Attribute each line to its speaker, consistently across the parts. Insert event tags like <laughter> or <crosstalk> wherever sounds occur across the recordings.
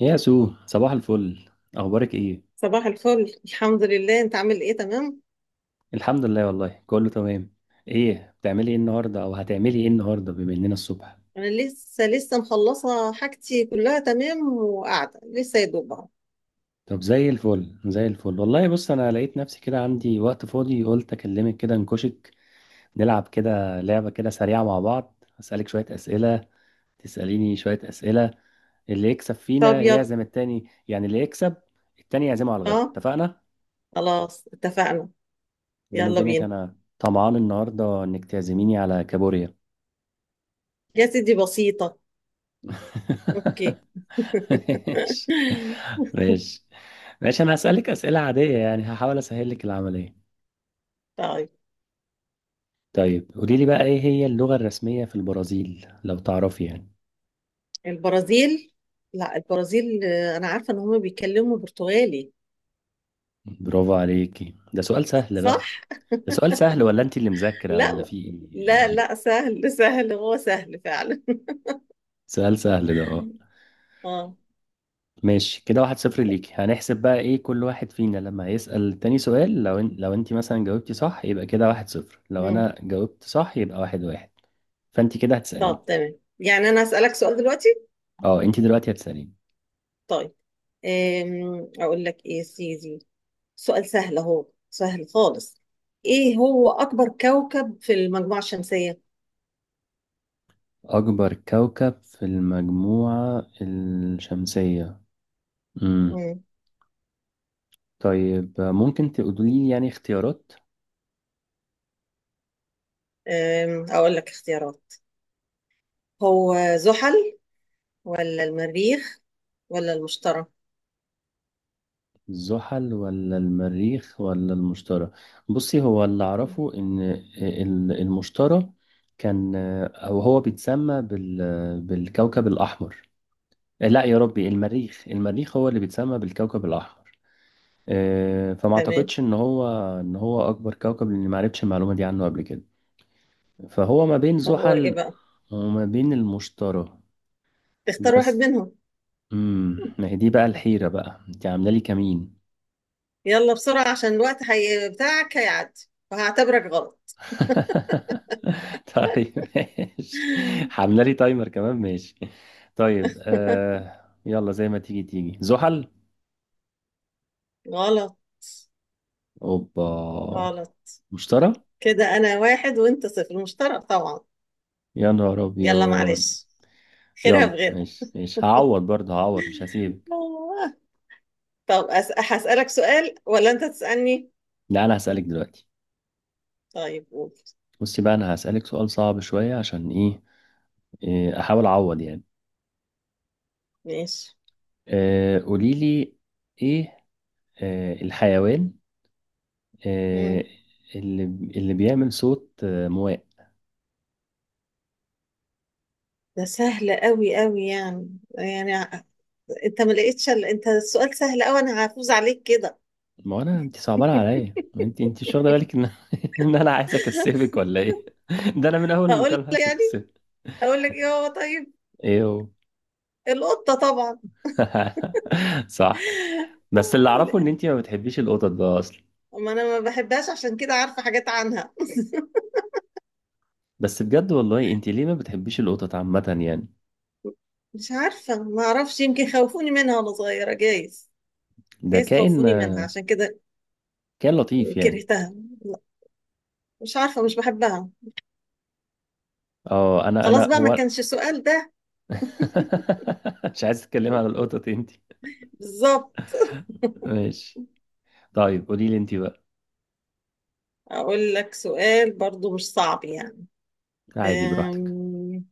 Speaker 1: يا سو، صباح الفل. اخبارك ايه؟
Speaker 2: صباح الفل، الحمد لله، انت عامل ايه؟ تمام.
Speaker 1: الحمد لله، والله كله تمام. ايه بتعملي ايه النهارده، او هتعملي ايه النهارده بما اننا الصبح؟
Speaker 2: انا لسه مخلصه حاجتي كلها تمام، وقاعده لسه يا دوب اهو.
Speaker 1: طب زي الفل زي الفل. والله بص، انا لقيت نفسي كده عندي وقت فاضي، قلت اكلمك كده نكشك، نلعب كده لعبه كده سريعه مع بعض. اسالك شويه اسئله، تساليني شويه اسئله، اللي يكسب
Speaker 2: طب
Speaker 1: فينا
Speaker 2: يلا.
Speaker 1: يعزم التاني، يعني اللي يكسب التاني يعزمه على الغدا،
Speaker 2: اه،
Speaker 1: اتفقنا؟
Speaker 2: خلاص اتفقنا.
Speaker 1: بيني
Speaker 2: يلا
Speaker 1: وبينك
Speaker 2: بينا
Speaker 1: انا طمعان النهارده انك تعزميني على كابوريا.
Speaker 2: يا سيدي، بسيطه.
Speaker 1: <laughs>
Speaker 2: اوكي.
Speaker 1: ماشي،
Speaker 2: <laughs>
Speaker 1: ماشي، ماشي. انا هسألك أسئلة عادية، يعني هحاول اسهل لك العملية.
Speaker 2: طيب.
Speaker 1: طيب، قولي لي بقى ايه هي اللغة الرسمية في البرازيل، لو تعرفي يعني.
Speaker 2: البرازيل. لا، البرازيل، انا عارفه ان هم بيتكلموا برتغالي.
Speaker 1: برافو عليكي، ده سؤال سهل
Speaker 2: صح.
Speaker 1: بقى. ده سؤال سهل، ولا انت اللي مذاكرة، ولا
Speaker 2: لا،
Speaker 1: في ايه ولا
Speaker 2: لا،
Speaker 1: ايه؟
Speaker 2: لا، سهل سهل، هو سهل فعلا.
Speaker 1: سؤال سهل ده، اه.
Speaker 2: <laughs> اه.
Speaker 1: ماشي، كده واحد صفر ليكي. هنحسب بقى ايه، كل واحد فينا لما يسأل تاني سؤال، لو انت مثلا جاوبتي صح يبقى كده واحد صفر، لو
Speaker 2: مم.
Speaker 1: انا جاوبت صح يبقى واحد واحد. فانت كده هتسأليني.
Speaker 2: طب تمام، يعني انا اسالك سؤال دلوقتي؟
Speaker 1: اه، انت دلوقتي هتسأليني.
Speaker 2: طيب. اقول لك ايه يا سيدي؟ سؤال سهل اهو، سهل خالص. ايه هو اكبر كوكب في المجموعة الشمسية؟
Speaker 1: أكبر كوكب في المجموعة الشمسية. مم.
Speaker 2: مم.
Speaker 1: طيب، ممكن تقولي يعني اختيارات؟
Speaker 2: اقول لك اختيارات. هو زحل ولا المريخ ولا المشتري؟
Speaker 1: الزحل ولا المريخ ولا المشتري؟ بصي، هو اللي
Speaker 2: مم.
Speaker 1: أعرفه إن المشتري كان، أو هو بيتسمى بالكوكب الأحمر. لا يا ربي، المريخ، المريخ هو اللي بيتسمى بالكوكب الأحمر. فما
Speaker 2: تمام.
Speaker 1: اعتقدش ان هو، ان هو اكبر كوكب، لاني ما عرفتش المعلومه دي عنه قبل كده. فهو ما بين
Speaker 2: طب هو ايه
Speaker 1: زحل
Speaker 2: بقى؟
Speaker 1: وما بين المشترى
Speaker 2: اختار واحد
Speaker 1: بس.
Speaker 2: منهم.
Speaker 1: ما هي دي بقى الحيرة، بقى انت عاملة لي كمين.
Speaker 2: يلا بسرعة عشان الوقت هي بتاعك هيعدي، وهعتبرك غلط.
Speaker 1: <laughs> طيب ماشي، عاملة لي تايمر كمان، ماشي. طيب
Speaker 2: <laughs>
Speaker 1: آه، يلا زي ما تيجي تيجي، زحل.
Speaker 2: غلط.
Speaker 1: اوبا.
Speaker 2: غلط.
Speaker 1: مشترى.
Speaker 2: كده انا واحد وانت صفر، المشترك طبعا.
Speaker 1: يا نهار
Speaker 2: يلا
Speaker 1: ابيض.
Speaker 2: معلش، خيرها
Speaker 1: يلا
Speaker 2: بغيرها.
Speaker 1: ماشي ماشي، هعوض برضه، هعوض مش هسيبك.
Speaker 2: <laughs> طب هسألك سؤال ولا أنت تسألني؟
Speaker 1: لا، انا هسألك دلوقتي.
Speaker 2: طيب قول.
Speaker 1: بصي بقى، انا هسألك سؤال صعب شوية، عشان ايه, إيه، احاول اعوض يعني.
Speaker 2: ماشي.
Speaker 1: آه قولي لي، ايه الحيوان،
Speaker 2: مم.
Speaker 1: آه، اللي بيعمل صوت، مواء.
Speaker 2: ده سهل قوي قوي يعني أنت ما لقيتش أنت السؤال سهل قوي، أنا هفوز عليك كده.
Speaker 1: ما انا انت صعبانه عليا،
Speaker 2: <laughs>
Speaker 1: ما انت مش واخده بالك ان <laughs> ان انا عايز اكسبك ولا ايه؟ ده انا من اول
Speaker 2: هقول
Speaker 1: المكالمه
Speaker 2: لك
Speaker 1: عايز
Speaker 2: يعني،
Speaker 1: اكسبك.
Speaker 2: هقول لك إيه هو؟ طيب.
Speaker 1: ايه هو؟
Speaker 2: القطة طبعا.
Speaker 1: <laughs> صح. بس اللي اعرفه ان انت ما بتحبيش القطط بقى اصلا.
Speaker 2: <laughs> ما أنا ما بحبهاش، عشان كده عارفة حاجات عنها.
Speaker 1: بس بجد والله، انت ليه ما بتحبيش القطط عامه يعني؟
Speaker 2: <laughs> مش عارفة، ما أعرفش، يمكن خوفوني منها وأنا صغيرة، جايز.
Speaker 1: ده
Speaker 2: جايز
Speaker 1: كائن،
Speaker 2: خوفوني منها عشان كده
Speaker 1: كائن لطيف يعني.
Speaker 2: كرهتها. لا. مش عارفة، مش بحبها.
Speaker 1: اه، انا
Speaker 2: خلاص
Speaker 1: انا
Speaker 2: بقى، ما
Speaker 1: هو
Speaker 2: كانش السؤال ده.
Speaker 1: <laughs> مش عايز اتكلم عن القطط، انت.
Speaker 2: بالظبط.
Speaker 1: ماشي. طيب قولي لي انت بقى.
Speaker 2: أقول لك سؤال برضو مش صعب يعني.
Speaker 1: عادي، براحتك.
Speaker 2: أم...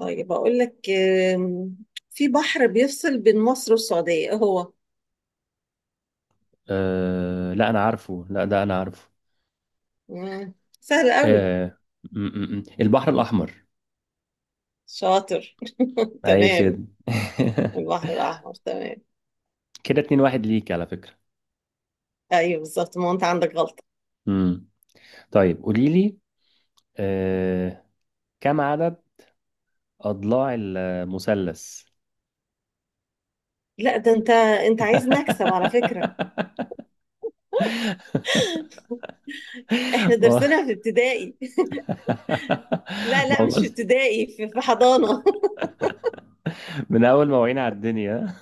Speaker 2: طيب أقول لك في بحر بيفصل بين مصر والسعودية، إيه هو؟
Speaker 1: أه لا، انا عارفه، لا ده انا عارفه.
Speaker 2: مم، سهل قوي.
Speaker 1: أه. م -م -م. البحر الاحمر.
Speaker 2: شاطر. <laughs>
Speaker 1: اي
Speaker 2: تمام.
Speaker 1: خد.
Speaker 2: البحر الأحمر، تمام.
Speaker 1: <laughs> كده اتنين واحد ليك على فكرة.
Speaker 2: أيوه بالظبط، ما هو أنت عندك غلطة.
Speaker 1: امم. طيب قولي لي. أه، كم عدد اضلاع المثلث؟
Speaker 2: لا ده أنت عايز نكسب على فكرة.
Speaker 1: <laughs>
Speaker 2: إحنا
Speaker 1: ما
Speaker 2: درسنا في ابتدائي. <laughs> لا
Speaker 1: ما
Speaker 2: لا،
Speaker 1: هو
Speaker 2: مش في
Speaker 1: بص،
Speaker 2: ابتدائي، في حضانة.
Speaker 1: من اول ما وعينا على الدنيا.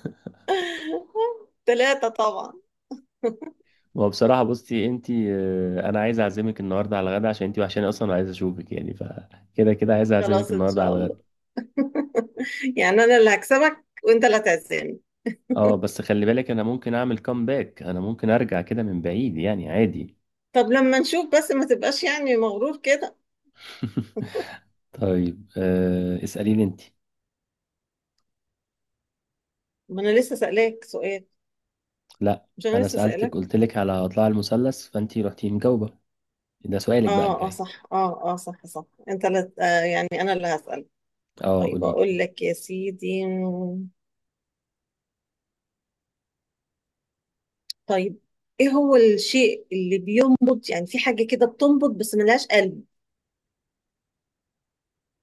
Speaker 2: <laughs> ثلاثة طبعا.
Speaker 1: ما هو بصراحة، بصي انت، انا عايز اعزمك النهارده على الغدا، عشان انت وحشاني اصلا وعايز اشوفك يعني. فكده كده عايز اعزمك
Speaker 2: خلاص إن
Speaker 1: النهارده
Speaker 2: شاء
Speaker 1: على
Speaker 2: الله.
Speaker 1: الغدا.
Speaker 2: <laughs> يعني أنا اللي هكسبك وأنت اللي هتعزمني.
Speaker 1: اه بس خلي بالك، انا ممكن اعمل كومباك، انا ممكن ارجع كده من بعيد يعني عادي.
Speaker 2: طب لما نشوف، بس ما تبقاش يعني مغرور كده.
Speaker 1: <laughs> طيب آه، اسأليني انت.
Speaker 2: ما انا لسه سألاك سؤال.
Speaker 1: لا،
Speaker 2: مش انا
Speaker 1: انا
Speaker 2: لسه
Speaker 1: سألتك،
Speaker 2: سألاك.
Speaker 1: قلت لك على اضلاع المثلث فانت رحتي مجاوبة. ده سؤالك بقى
Speaker 2: اه اه
Speaker 1: الجاي.
Speaker 2: صح اه اه صح صح انت لا يعني انا اللي هسأل.
Speaker 1: اه
Speaker 2: طيب
Speaker 1: قولي لي.
Speaker 2: اقول لك يا سيدي. طيب. ايه هو الشيء اللي بينبض، يعني في حاجة كده بتنبض بس ملهاش قلب؟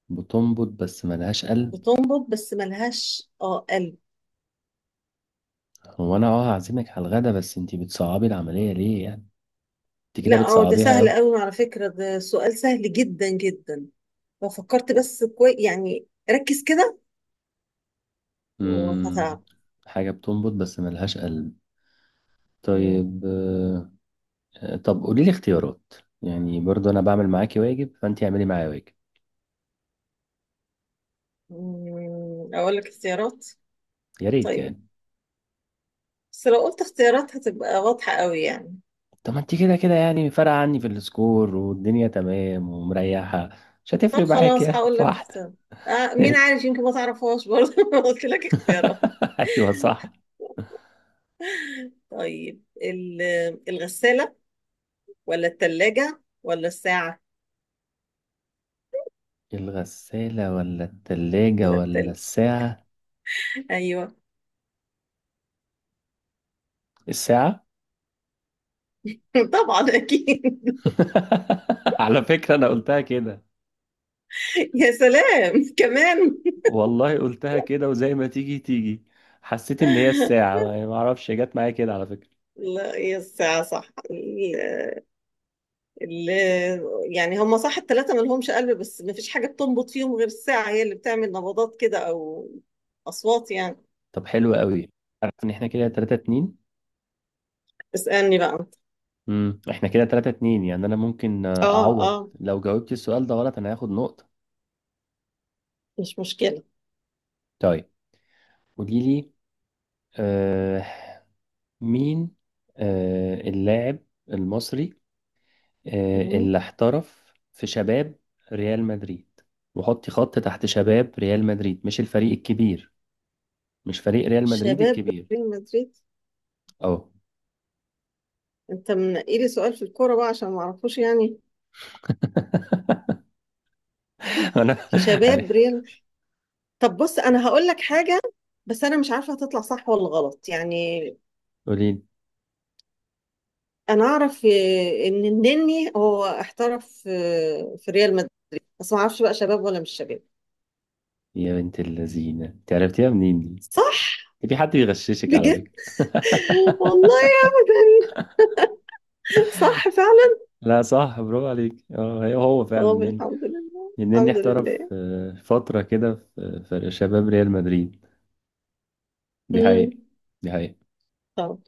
Speaker 1: بتنبض بس ملهاش قلب.
Speaker 2: بتنبض بس ملهاش قلب.
Speaker 1: هو انا اه هعزمك على الغدا، بس انت بتصعبي العملية ليه يعني؟ انت كده
Speaker 2: لا اه، ده
Speaker 1: بتصعبيها
Speaker 2: سهل
Speaker 1: قوي.
Speaker 2: قوي على فكرة، ده سؤال سهل جدا جدا. لو فكرت بس كويس يعني، ركز كده. وهتعرف.
Speaker 1: امم. حاجة بتنبض بس ملهاش قلب.
Speaker 2: مم.
Speaker 1: طيب. آه طب قولي لي اختيارات، يعني برضو انا بعمل معاكي واجب فانت اعملي معايا واجب.
Speaker 2: أقول لك اختيارات.
Speaker 1: يا ريت
Speaker 2: طيب.
Speaker 1: يعني.
Speaker 2: بس لو قلت اختيارات هتبقى واضحة قوي يعني.
Speaker 1: طب ما انت كده كده يعني فارقة عني في السكور والدنيا تمام ومريحة، مش
Speaker 2: طب
Speaker 1: هتفرق معاك
Speaker 2: خلاص،
Speaker 1: يعني
Speaker 2: هقول
Speaker 1: في
Speaker 2: لك
Speaker 1: واحدة.
Speaker 2: اختيارات. مين
Speaker 1: ماشي.
Speaker 2: عارف يمكن ما تعرفهاش برضه. <laughs> لو قلت لك اختيارات.
Speaker 1: <laughs> ايوه صح.
Speaker 2: طيب الغسالة ولا التلاجة ولا الساعة؟
Speaker 1: الغسالة ولا التلاجة
Speaker 2: ولا
Speaker 1: ولا
Speaker 2: التل
Speaker 1: الساعة؟
Speaker 2: أيوة.
Speaker 1: الساعة.
Speaker 2: <laughs> طبعا أكيد.
Speaker 1: <laughs> على فكرة أنا قلتها كده،
Speaker 2: <laughs> يا سلام كمان. <laughs>
Speaker 1: والله قلتها كده وزي ما تيجي تيجي. حسيت إن هي الساعة يعني، ما أعرفش جت معايا كده على فكرة.
Speaker 2: لا هي الساعة، صح. يعني هم صح الثلاثة ما لهمش قلب، بس ما فيش حاجة بتنبض فيهم غير الساعة، هي اللي بتعمل نبضات كده أو أصوات يعني.
Speaker 1: طب حلو قوي. عارف إن إحنا كده 3 2.
Speaker 2: اسألني بقى أنت.
Speaker 1: امم، احنا كده 3 2، يعني انا ممكن
Speaker 2: آه،
Speaker 1: اعوض.
Speaker 2: آه.
Speaker 1: لو جاوبت السؤال ده غلط انا هاخد نقطة.
Speaker 2: مش مشكلة.
Speaker 1: طيب قولي لي، آه، مين، آه اللاعب المصري، آه
Speaker 2: مم.
Speaker 1: اللي احترف في شباب ريال مدريد، وحطي خط تحت شباب ريال مدريد، مش الفريق الكبير، مش فريق ريال مدريد
Speaker 2: شباب
Speaker 1: الكبير.
Speaker 2: ريال مدريد.
Speaker 1: اه.
Speaker 2: أنت منقي لي سؤال في الكورة بقى، عشان ما أعرفوش يعني.
Speaker 1: <laughs> انا
Speaker 2: في
Speaker 1: عارف.
Speaker 2: شباب ريال. طب بص، أنا هقول لك حاجة. بس أنا مش عارفة هتطلع صح ولا غلط يعني.
Speaker 1: قولي لي.
Speaker 2: أنا أعرف إن النني هو احترف في ريال مدريد. بس ما أعرفش بقى شباب ولا مش شباب.
Speaker 1: يا بنت اللذينة، انت عرفتيها منين دي؟
Speaker 2: صح.
Speaker 1: في حد بيغششك على
Speaker 2: بجد.
Speaker 1: فكرة.
Speaker 2: والله.
Speaker 1: <laughs>
Speaker 2: ابدا. صح فعلا.
Speaker 1: لا صح، برافو عليك، اه، هي هو فعلا
Speaker 2: اه،
Speaker 1: النني.
Speaker 2: الحمد لله،
Speaker 1: النني
Speaker 2: الحمد
Speaker 1: احترف،
Speaker 2: لله.
Speaker 1: فترة كده في شباب ريال مدريد. دي
Speaker 2: امم.
Speaker 1: حقيقة، دي حقيقة.
Speaker 2: طب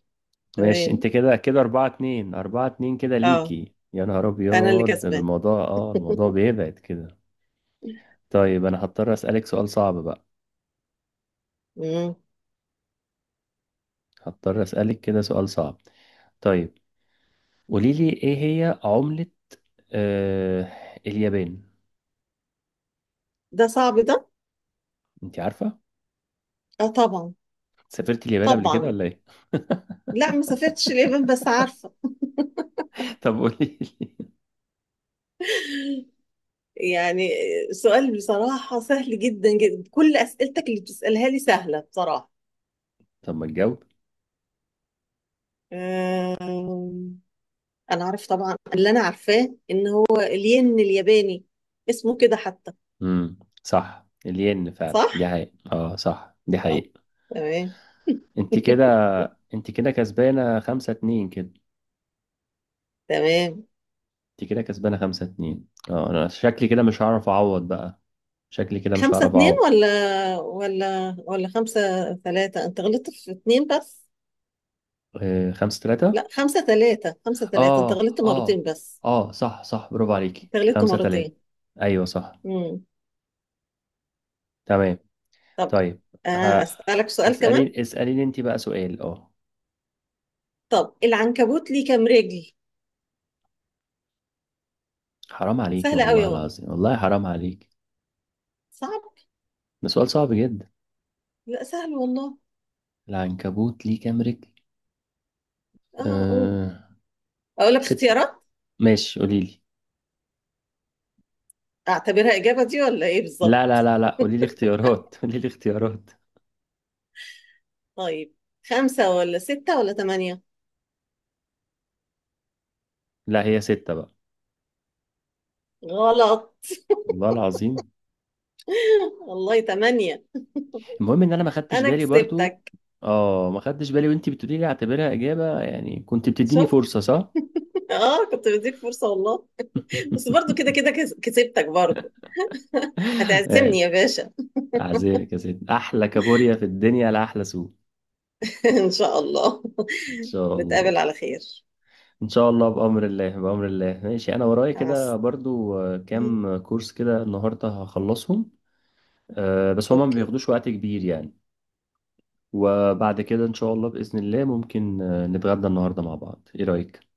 Speaker 1: ماشي،
Speaker 2: تمام.
Speaker 1: انت كده كده أربعة اتنين، أربعة اتنين كده
Speaker 2: اه
Speaker 1: ليكي، يا نهار
Speaker 2: انا اللي
Speaker 1: أبيض. ده
Speaker 2: كسبان.
Speaker 1: الموضوع، اه الموضوع
Speaker 2: <laughs>
Speaker 1: بيبعد كده. طيب أنا هضطر أسألك سؤال صعب بقى،
Speaker 2: امم.
Speaker 1: هضطر أسألك كده سؤال صعب. طيب، قولي لي ايه هي عملة، آه، اليابان؟
Speaker 2: ده صعب ده.
Speaker 1: انت عارفة؟
Speaker 2: اه طبعا.
Speaker 1: سافرت اليابان قبل كده
Speaker 2: طبعا.
Speaker 1: ولا ايه؟
Speaker 2: لا ما سافرتش اليابان بس عارفه.
Speaker 1: <laughs> طب قولي لي.
Speaker 2: يعني سؤال بصراحه سهل جدا جدا، كل اسئلتك اللي بتسالها لي سهله بصراحه.
Speaker 1: طب ما تجاوب.
Speaker 2: أمم، انا عارف طبعا، اللي انا عارفاه ان هو الين الياباني، اسمه كده حتى.
Speaker 1: امم، صح، الين
Speaker 2: صح.
Speaker 1: فعلا، دي حقيقة. اه صح، دي
Speaker 2: اه.
Speaker 1: حقيقة.
Speaker 2: تمام.
Speaker 1: انت كده،
Speaker 2: <laughs>
Speaker 1: انت كده كسبانة خمسة اتنين كده.
Speaker 2: تمام.
Speaker 1: انت كده كسبانة خمسة اتنين. اه انا شكلي كده مش هعرف اعوض بقى، شكلي كده مش
Speaker 2: خمسة
Speaker 1: هعرف
Speaker 2: اتنين
Speaker 1: اعوض.
Speaker 2: ولا 5-3، انت غلطت في اتنين بس.
Speaker 1: اه خمسة تلاتة.
Speaker 2: لا، 5-3، 5-3، انت
Speaker 1: اه
Speaker 2: غلطت مرتين
Speaker 1: اه،
Speaker 2: بس.
Speaker 1: اه صح صح، برافو عليكي،
Speaker 2: انت غلطت
Speaker 1: خمسة تلاتة.
Speaker 2: مرتين.
Speaker 1: ايوه صح.
Speaker 2: امم.
Speaker 1: تمام.
Speaker 2: طب.
Speaker 1: طيب. ها؟
Speaker 2: اسألك سؤال كمان.
Speaker 1: اسأليني انت بقى سؤال، اه.
Speaker 2: طب العنكبوت ليه كام رجل؟
Speaker 1: حرام عليكي
Speaker 2: سهلة قوي
Speaker 1: والله
Speaker 2: اهو.
Speaker 1: العظيم، والله حرام عليكي.
Speaker 2: صعب.
Speaker 1: ده سؤال صعب جدا.
Speaker 2: لا سهل والله.
Speaker 1: العنكبوت ليه كام رجل؟
Speaker 2: اه، اقول.
Speaker 1: أه...
Speaker 2: اقول لك
Speaker 1: ست.
Speaker 2: اختيارات.
Speaker 1: ماشي، قولي لي.
Speaker 2: اعتبرها اجابة دي ولا ايه
Speaker 1: لا لا
Speaker 2: بالظبط؟
Speaker 1: لا لا، قولي لي اختيارات، <laughs> قولي لي اختيارات.
Speaker 2: طيب، خمسة ولا ستة ولا تمانية؟
Speaker 1: لا، هي ستة بقى.
Speaker 2: غلط.
Speaker 1: والله العظيم.
Speaker 2: <laughs> والله تمانية.
Speaker 1: المهم ان انا ما خدتش
Speaker 2: انا
Speaker 1: بالي برضو.
Speaker 2: كسبتك.
Speaker 1: اه ما خدتش بالي، وانت بتقولي لي اعتبرها اجابة يعني، كنت بتديني
Speaker 2: شفت.
Speaker 1: فرصة، صح؟
Speaker 2: اه كنت بديك فرصة والله. بس برضو كده
Speaker 1: <laughs>
Speaker 2: كده كسبتك برضو. <laughs> هتعزمني يا
Speaker 1: ماشي.
Speaker 2: باشا.
Speaker 1: اعزائك يا ست احلى كابوريا في الدنيا لاحلى سوق.
Speaker 2: <laughs> ان شاء الله.
Speaker 1: ان شاء
Speaker 2: <laughs> نتقابل
Speaker 1: الله.
Speaker 2: على خير.
Speaker 1: ان شاء الله بامر الله، بامر الله. ماشي، انا ورايا
Speaker 2: مع
Speaker 1: كده
Speaker 2: الس-
Speaker 1: برضو
Speaker 2: أمم،
Speaker 1: كام كورس كده النهارده هخلصهم. بس هما ما
Speaker 2: اوكي.
Speaker 1: بياخدوش وقت كبير يعني. وبعد كده ان شاء الله باذن الله ممكن، نتغدى النهارده مع بعض، ايه رايك؟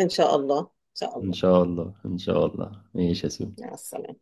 Speaker 2: ان شاء الله، ان شاء
Speaker 1: ان
Speaker 2: الله.
Speaker 1: شاء الله، ان شاء الله. ماشي يا سو.
Speaker 2: مع السلامة.